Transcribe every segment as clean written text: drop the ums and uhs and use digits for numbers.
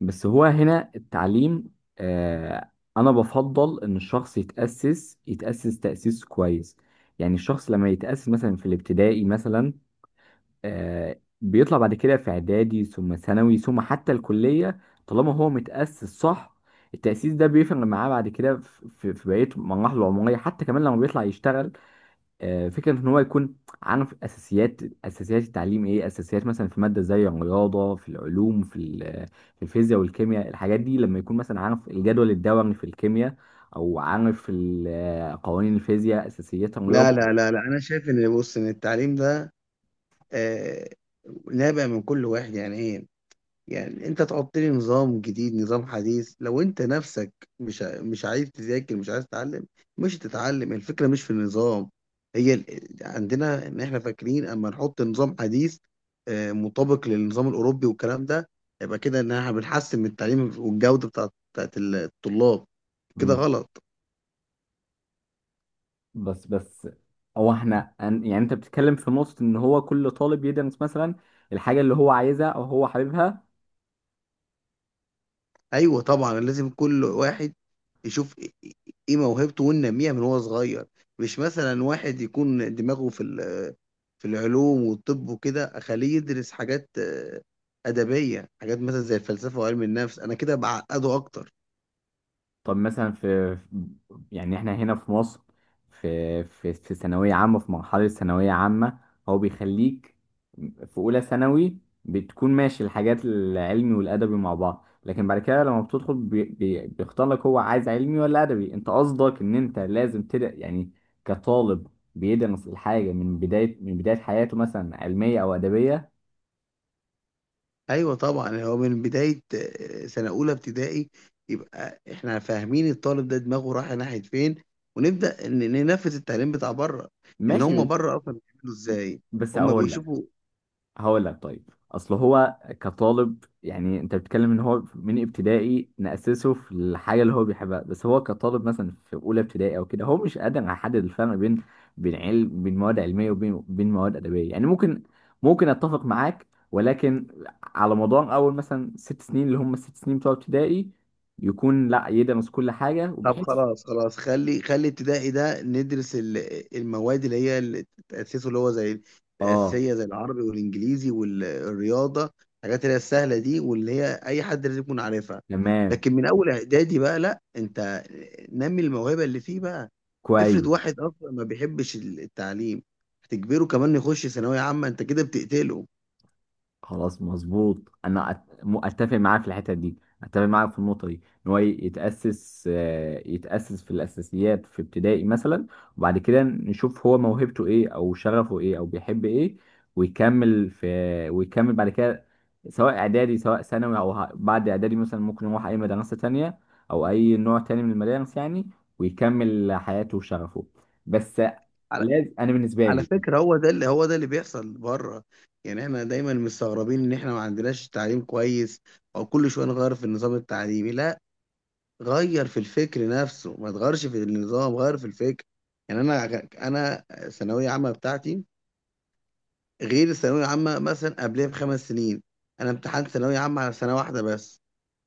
بس هو هنا التعليم. آه، انا بفضل ان الشخص يتأسس تأسيس كويس. يعني الشخص لما يتأسس مثلا في الابتدائي مثلا، آه بيطلع بعد كده في اعدادي ثم ثانوي ثم حتى الكلية. طالما هو متأسس صح، التأسيس ده بيفرق معاه بعد كده في بقية مراحله العمرية حتى كمان لما بيطلع يشتغل. فكرة إن هو يكون عارف أساسيات التعليم. إيه أساسيات مثلا في مادة زي الرياضة، في العلوم، في الفيزياء والكيمياء. الحاجات دي لما يكون مثلا عارف الجدول الدوري في الكيمياء، أو عارف قوانين الفيزياء، أساسيات لا الرياضة. لا لا لا انا شايف ان التعليم ده آه، نابع من كل واحد، يعني ايه؟ يعني انت تحط لي نظام جديد، نظام حديث، لو انت نفسك مش عايز تذاكر، مش عايز تتعلم، مش هتتعلم. الفكره مش في النظام، هي عندنا ان احنا فاكرين اما نحط نظام حديث مطابق للنظام الاوروبي والكلام ده، يبقى كده ان احنا بنحسن من التعليم والجوده بتاعت الطلاب. كده مم. غلط. بس هو إحنا يعني أنت بتتكلم في نقطة إن هو كل طالب يدرس مثلا الحاجة اللي هو عايزها أو هو حاببها. ايوه طبعا، لازم كل واحد يشوف إيه موهبته وينميها من هو صغير. مش مثلا واحد يكون دماغه في العلوم والطب وكده اخليه يدرس حاجات ادبيه، حاجات مثلا زي الفلسفه وعلم النفس، انا كده بعقده اكتر. طب مثلا يعني احنا هنا في مصر في ثانوية عامة، في مرحلة ثانوية عامة. هو بيخليك في أولى ثانوي، بتكون ماشي الحاجات العلمي والأدبي مع بعض، لكن بعد كده لما بتدخل بي بيختار لك هو عايز علمي ولا أدبي. أنت قصدك إن أنت لازم تبدأ يعني كطالب بيدرس الحاجة من بداية حياته مثلا علمية أو أدبية. ايوه طبعا، هو من بدايه سنه اولى ابتدائي يبقى احنا فاهمين الطالب ده دماغه رايحه ناحيه فين، ونبدا ننفذ التعليم بتاع بره. لان ماشي. هم بره اصلا بيعملوا ازاي؟ بس هم بيشوفوا. هقول لك طيب، اصل هو كطالب، يعني انت بتتكلم ان هو من ابتدائي نأسسه في الحاجه اللي هو بيحبها، بس هو كطالب مثلا في اولى ابتدائي او كده هو مش قادر يحدد الفرق بين مواد علميه وبين مواد ادبيه. يعني ممكن اتفق معاك، ولكن على مدار اول مثلا 6 سنين، اللي هم الست سنين بتوع ابتدائي، يكون لا يدرس كل حاجه، طب وبحيث خلاص خلاص، خلي ابتدائي ده ندرس المواد اللي هي اللي تأسسه، اللي هو زي اه الأساسية، زي العربي والإنجليزي والرياضة، الحاجات اللي هي السهلة دي واللي هي أي حد لازم يكون عارفها. تمام لكن من أول إعدادي بقى لأ، أنت نمي الموهبة اللي فيه بقى. كويس. افرض واحد أصلا ما بيحبش التعليم، هتجبره كمان يخش ثانوية عامة؟ أنت كده بتقتله. خلاص مظبوط. انا اتفق معاه في الحته دي، اتفق معاه في النقطه دي، ان هو يتاسس يتاسس في الاساسيات في ابتدائي مثلا، وبعد كده نشوف هو موهبته ايه، او شغفه ايه، او بيحب ايه، ويكمل في ويكمل بعد كده، سواء اعدادي، سواء ثانوي، او بعد اعدادي مثلا ممكن يروح اي مدرسه تانية او اي نوع تاني من المدارس يعني، ويكمل حياته وشغفه. بس لازم، انا بالنسبه على لي، فكرة، هو ده اللي، هو ده اللي بيحصل بره. يعني احنا دايما مستغربين ان احنا ما عندناش تعليم كويس، او كل شوية نغير في النظام التعليمي. لا، غير في الفكر نفسه، ما تغيرش في النظام، غير في الفكر. يعني انا، انا الثانوية عامة بتاعتي غير الثانوية العامة مثلا قبلها بخمس سنين. انا امتحنت ثانوية عامة على سنة واحدة بس،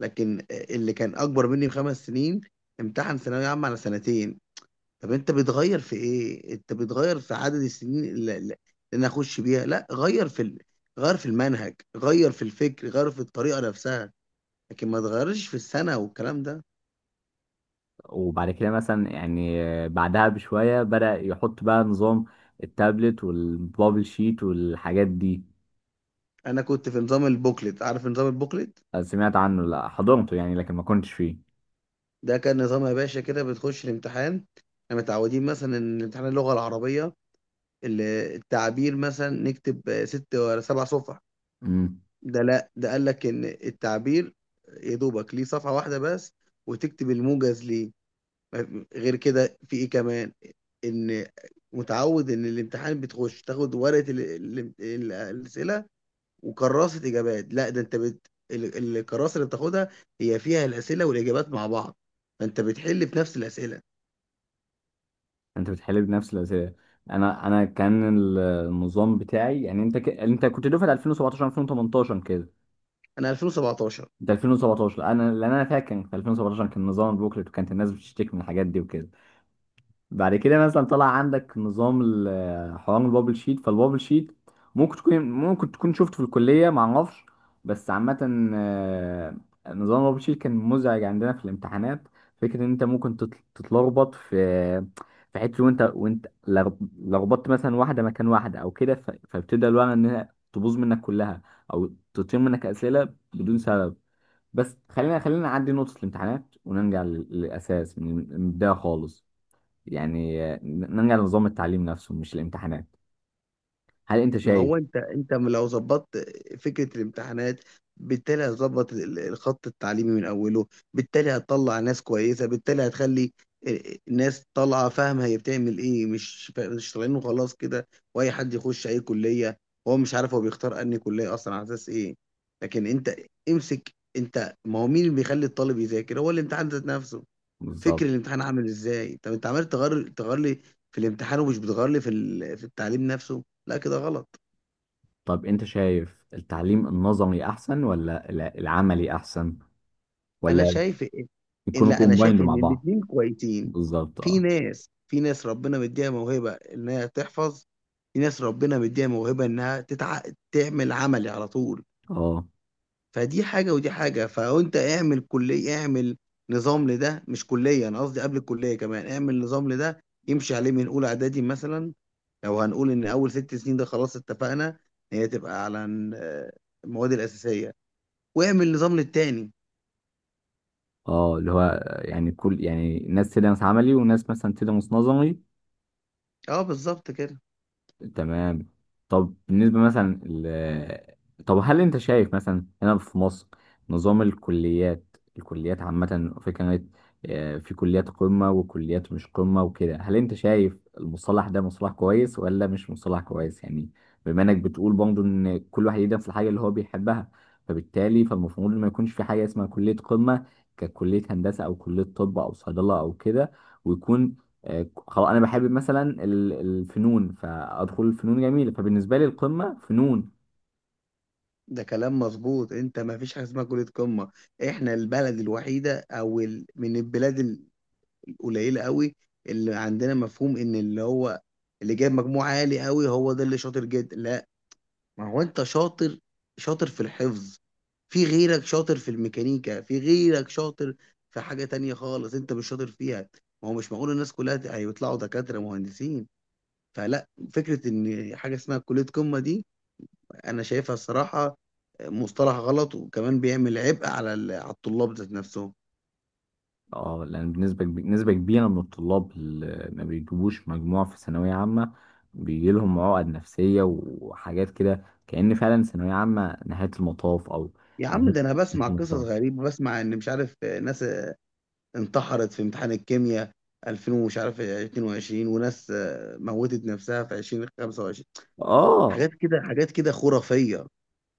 لكن اللي كان اكبر مني بخمس سنين امتحن ثانوية عامة على سنتين. طب انت بتغير في ايه؟ انت بتغير في عدد السنين اللي انا اخش بيها؟ لا، غير غير في المنهج، غير في الفكر، غير في الطريقه نفسها، لكن ما تغيرش في السنه والكلام ده. وبعد كده مثلا يعني بعدها بشوية بدأ يحط بقى نظام التابلت والبابل شيت والحاجات دي. انا كنت في نظام البوكلت، عارف نظام البوكلت؟ آه، سمعت عنه لا حضرته يعني، لكن ما كنتش فيه. ده كان نظام يا باشا، كده بتخش الامتحان. احنا متعودين مثلا ان امتحان اللغه العربيه ال- التعبير مثلا نكتب ست ولا سبع صفح، امم. ده لا، ده قال لك ان التعبير يا دوبك ليه صفحه واحده بس، وتكتب الموجز ليه. غير كده في ايه كمان؟ ان متعود ان الامتحان بتخش تاخد ورقه الاسئله وكراسه اجابات، لا، ده انت الكراسه اللي بتاخدها هي فيها الاسئله والاجابات مع بعض، فانت بتحل في نفس الاسئله. انت بتحل بنفس الأسئلة. انا كان النظام بتاعي، يعني انت انت كنت دفعة 2017 2018 كده. انا 2017. ده 2017، انا فاكر كان في 2017 كان نظام البوكلت، وكانت الناس بتشتكي من الحاجات دي وكده. بعد كده مثلا طلع عندك نظام حوار البابل شيت. فالبابل شيت ممكن تكون شفته في الكلية، ما اعرفش، بس عامة، آه، نظام البابل شيت كان مزعج عندنا في الامتحانات. فكرة ان انت ممكن تتلخبط في حتة، وانت لخبطت مثلا واحدة مكان واحدة او كده، فبتبدأ الورقة انها تبوظ منك كلها او تطير منك اسئلة بدون سبب. بس خلينا نعدي نقطة الامتحانات ونرجع للأساس من البداية خالص، يعني آه، نرجع لنظام التعليم نفسه مش الامتحانات. هل انت ما شايف؟ هو انت، انت لو ظبطت فكره الامتحانات، بالتالي هتظبط الخط التعليمي من اوله، بالتالي هتطلع ناس كويسه، بالتالي هتخلي ناس طالعه فاهمه هي بتعمل ايه، مش مش طالعين وخلاص كده واي حد يخش اي كليه هو مش عارف هو بيختار انهي كليه اصلا على اساس ايه. لكن انت امسك، انت ما هو مين اللي بيخلي الطالب يذاكر؟ هو الامتحان ذات نفسه. فكر بالظبط. الامتحان عامل ازاي. طب انت عمال تغير لي في الامتحان، ومش بتغير لي في التعليم نفسه. لا كده غلط. طب انت شايف التعليم النظري احسن ولا العملي احسن، انا ولا شايف إن- يكونوا لا انا شايف كومبايند مع ان بعض؟ الاتنين كويسين. بالظبط، في اه ناس في ناس ربنا مديها موهبه انها تحفظ، في ناس ربنا مديها موهبه تعمل عملي على طول. اه فدي حاجه ودي حاجه، فانت اعمل كليه، اعمل نظام لده، مش كليه، انا قصدي قبل الكليه كمان اعمل نظام لده يمشي عليه من اولى اعدادي مثلا. لو هنقول ان اول ست سنين ده خلاص، اتفقنا هي تبقى على المواد الاساسيه، واعمل نظام للتاني. اه، اللي هو آه، يعني كل يعني ناس تدرس عملي وناس مثلا تدرس نظري. اه بالظبط كده. تمام. طب بالنسبة مثلا طب هل انت شايف مثلا هنا في مصر نظام الكليات؟ الكليات عامة في كانت آه، في كليات قمة وكليات مش قمة وكده. هل انت شايف المصطلح ده مصطلح كويس ولا مش مصطلح كويس يعني؟ بما انك بتقول برضه ان كل واحد يدرس الحاجة اللي هو بيحبها، فبالتالي فالمفروض ما يكونش في حاجة اسمها كلية قمة، ككلية هندسة او كلية طب او صيدلة او كده، ويكون آه، خلاص انا بحب مثلا الفنون، فادخل الفنون جميله، فبالنسبه لي القمه فنون. ده كلام مظبوط، انت ما فيش حاجه اسمها كليه قمه. احنا البلد الوحيده من البلاد القليله قوي اللي عندنا مفهوم ان اللي هو اللي جايب مجموع عالي قوي هو ده اللي شاطر جدا. لا، ما هو انت شاطر، شاطر في الحفظ، في غيرك شاطر في الميكانيكا، في غيرك شاطر في حاجه تانية خالص انت مش شاطر فيها. ما هو مش معقول الناس كلها هيطلعوا دكاتره مهندسين، فلا. فكره ان حاجه اسمها كليه قمه دي انا شايفها الصراحه مصطلح غلط، وكمان بيعمل عبء على على الطلاب ذات نفسهم. اه، لان بالنسبه نسبه كبيره من الطلاب اللي ما بيجيبوش مجموع في ثانويه عامه بيجي لهم عقد نفسيه وحاجات كده، كأن فعلا ثانويه عامه نهايه المطاف، او يا عم نهايه ده انا نهاية بسمع قصص المطاف. غريبه، بسمع ان مش عارف ناس انتحرت في امتحان الكيمياء 2000 ومش عارف 22، وناس موتت نفسها في 2025، اه، حاجات كده، حاجات كده خرافيه.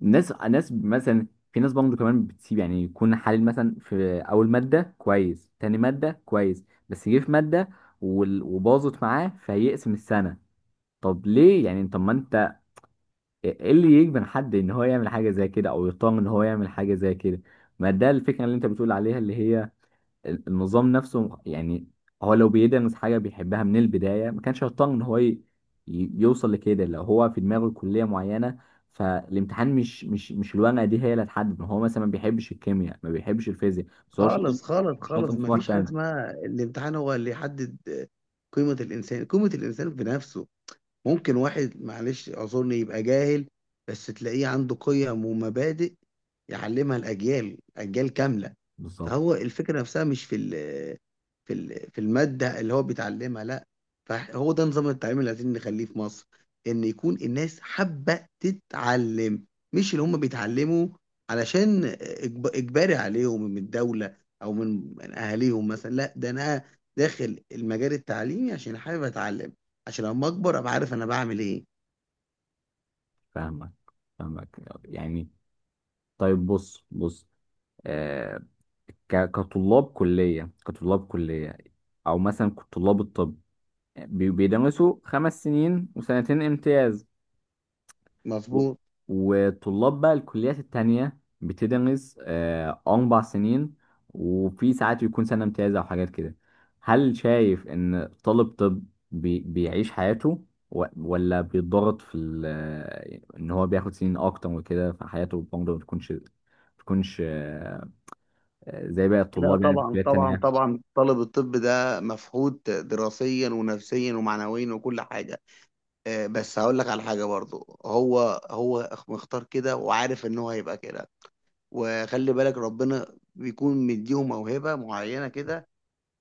ناس مثلا، في ناس برضه كمان بتسيب، يعني يكون حالل مثلا في اول ماده كويس تاني ماده كويس، بس يجي في ماده وباظت معاه فيقسم السنه. طب ليه يعني؟ طب ما انت، إيه اللي يجبن حد ان هو يعمل حاجه زي كده او يطمن ان هو يعمل حاجه زي كده؟ ما ده الفكره اللي انت بتقول عليها، اللي هي النظام نفسه يعني. هو لو بيدرس حاجه بيحبها من البدايه ما كانش هيطمن ان هو يوصل لكده. لو هو في دماغه كليه معينه، فالامتحان مش الورقه دي هي اللي هتحدد. ما هو مثلا ما بيحبش الكيمياء ما بيحبش الفيزياء، بس هو شاطر خالص خالص خالص، شاطر في ما مواد فيش حاجه تانية. اسمها الامتحان هو اللي يحدد قيمه الانسان. قيمه الانسان بنفسه. ممكن واحد معلش اعذرني يبقى جاهل، بس تلاقيه عنده قيم ومبادئ يعلمها الاجيال، اجيال كامله. بالظبط. فهو الفكرة نفسها مش في ال في ال في المادة اللي هو بيتعلمها. لا، فهو ده نظام التعليم اللي عايزين نخليه في مصر، ان يكون الناس حابة تتعلم، مش اللي هم بيتعلموا علشان اجباري عليهم من الدولة او من اهاليهم مثلا. لا، ده انا داخل المجال التعليمي عشان حابب اتعلم، عشان لما اكبر ابقى عارف انا بعمل ايه. فاهمك، فاهمك، يعني. طيب بص بص، آه، كطلاب كلية، أو مثلا طلاب الطب بيدرسوا 5 سنين وسنتين امتياز، و- مظبوط. وطلاب بقى الكليات التانية بتدرس آه، 4 سنين، وفي ساعات يكون سنة امتياز أو حاجات كده. هل شايف إن طالب طب بيعيش حياته ولا بيتضغط في إن هو بياخد سنين أكتر وكده، فحياته برضه ما بتكونش زي باقي لا الطلاب يعني في طبعا الكليات طبعا التانية؟ طبعا، طالب الطب ده مفقود دراسيا ونفسيا ومعنويا وكل حاجة. بس هقول لك على حاجة برضو، هو مختار كده وعارف ان هو هيبقى كده. وخلي بالك ربنا بيكون مديهم موهبة معينة كده،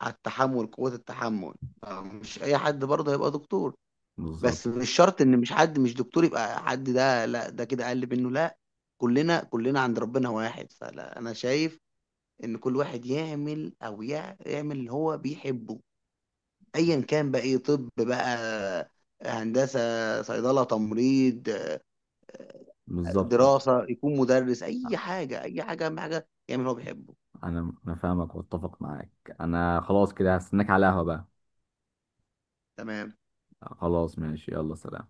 على التحمل، قوة التحمل. مش اي حد برضه هيبقى دكتور، بالظبط، بس مش شرط ان مش حد مش دكتور يبقى حد ده، لا ده كده اقل منه. لا، كلنا عند ربنا واحد، فلا انا شايف ان كل واحد يعمل، يعمل اللي هو بيحبه، ايا كان بقى، ايه، طب بقى، هندسة، صيدلة، تمريض، بالظبط. دراسة، يكون مدرس، أي حاجة، أي حاجة، أهم حاجة يعمل اللي هو بيحبه. انا فاهمك واتفق معاك. انا خلاص كده هستناك على قهوة بقى. تمام. خلاص ماشي، يلا سلام.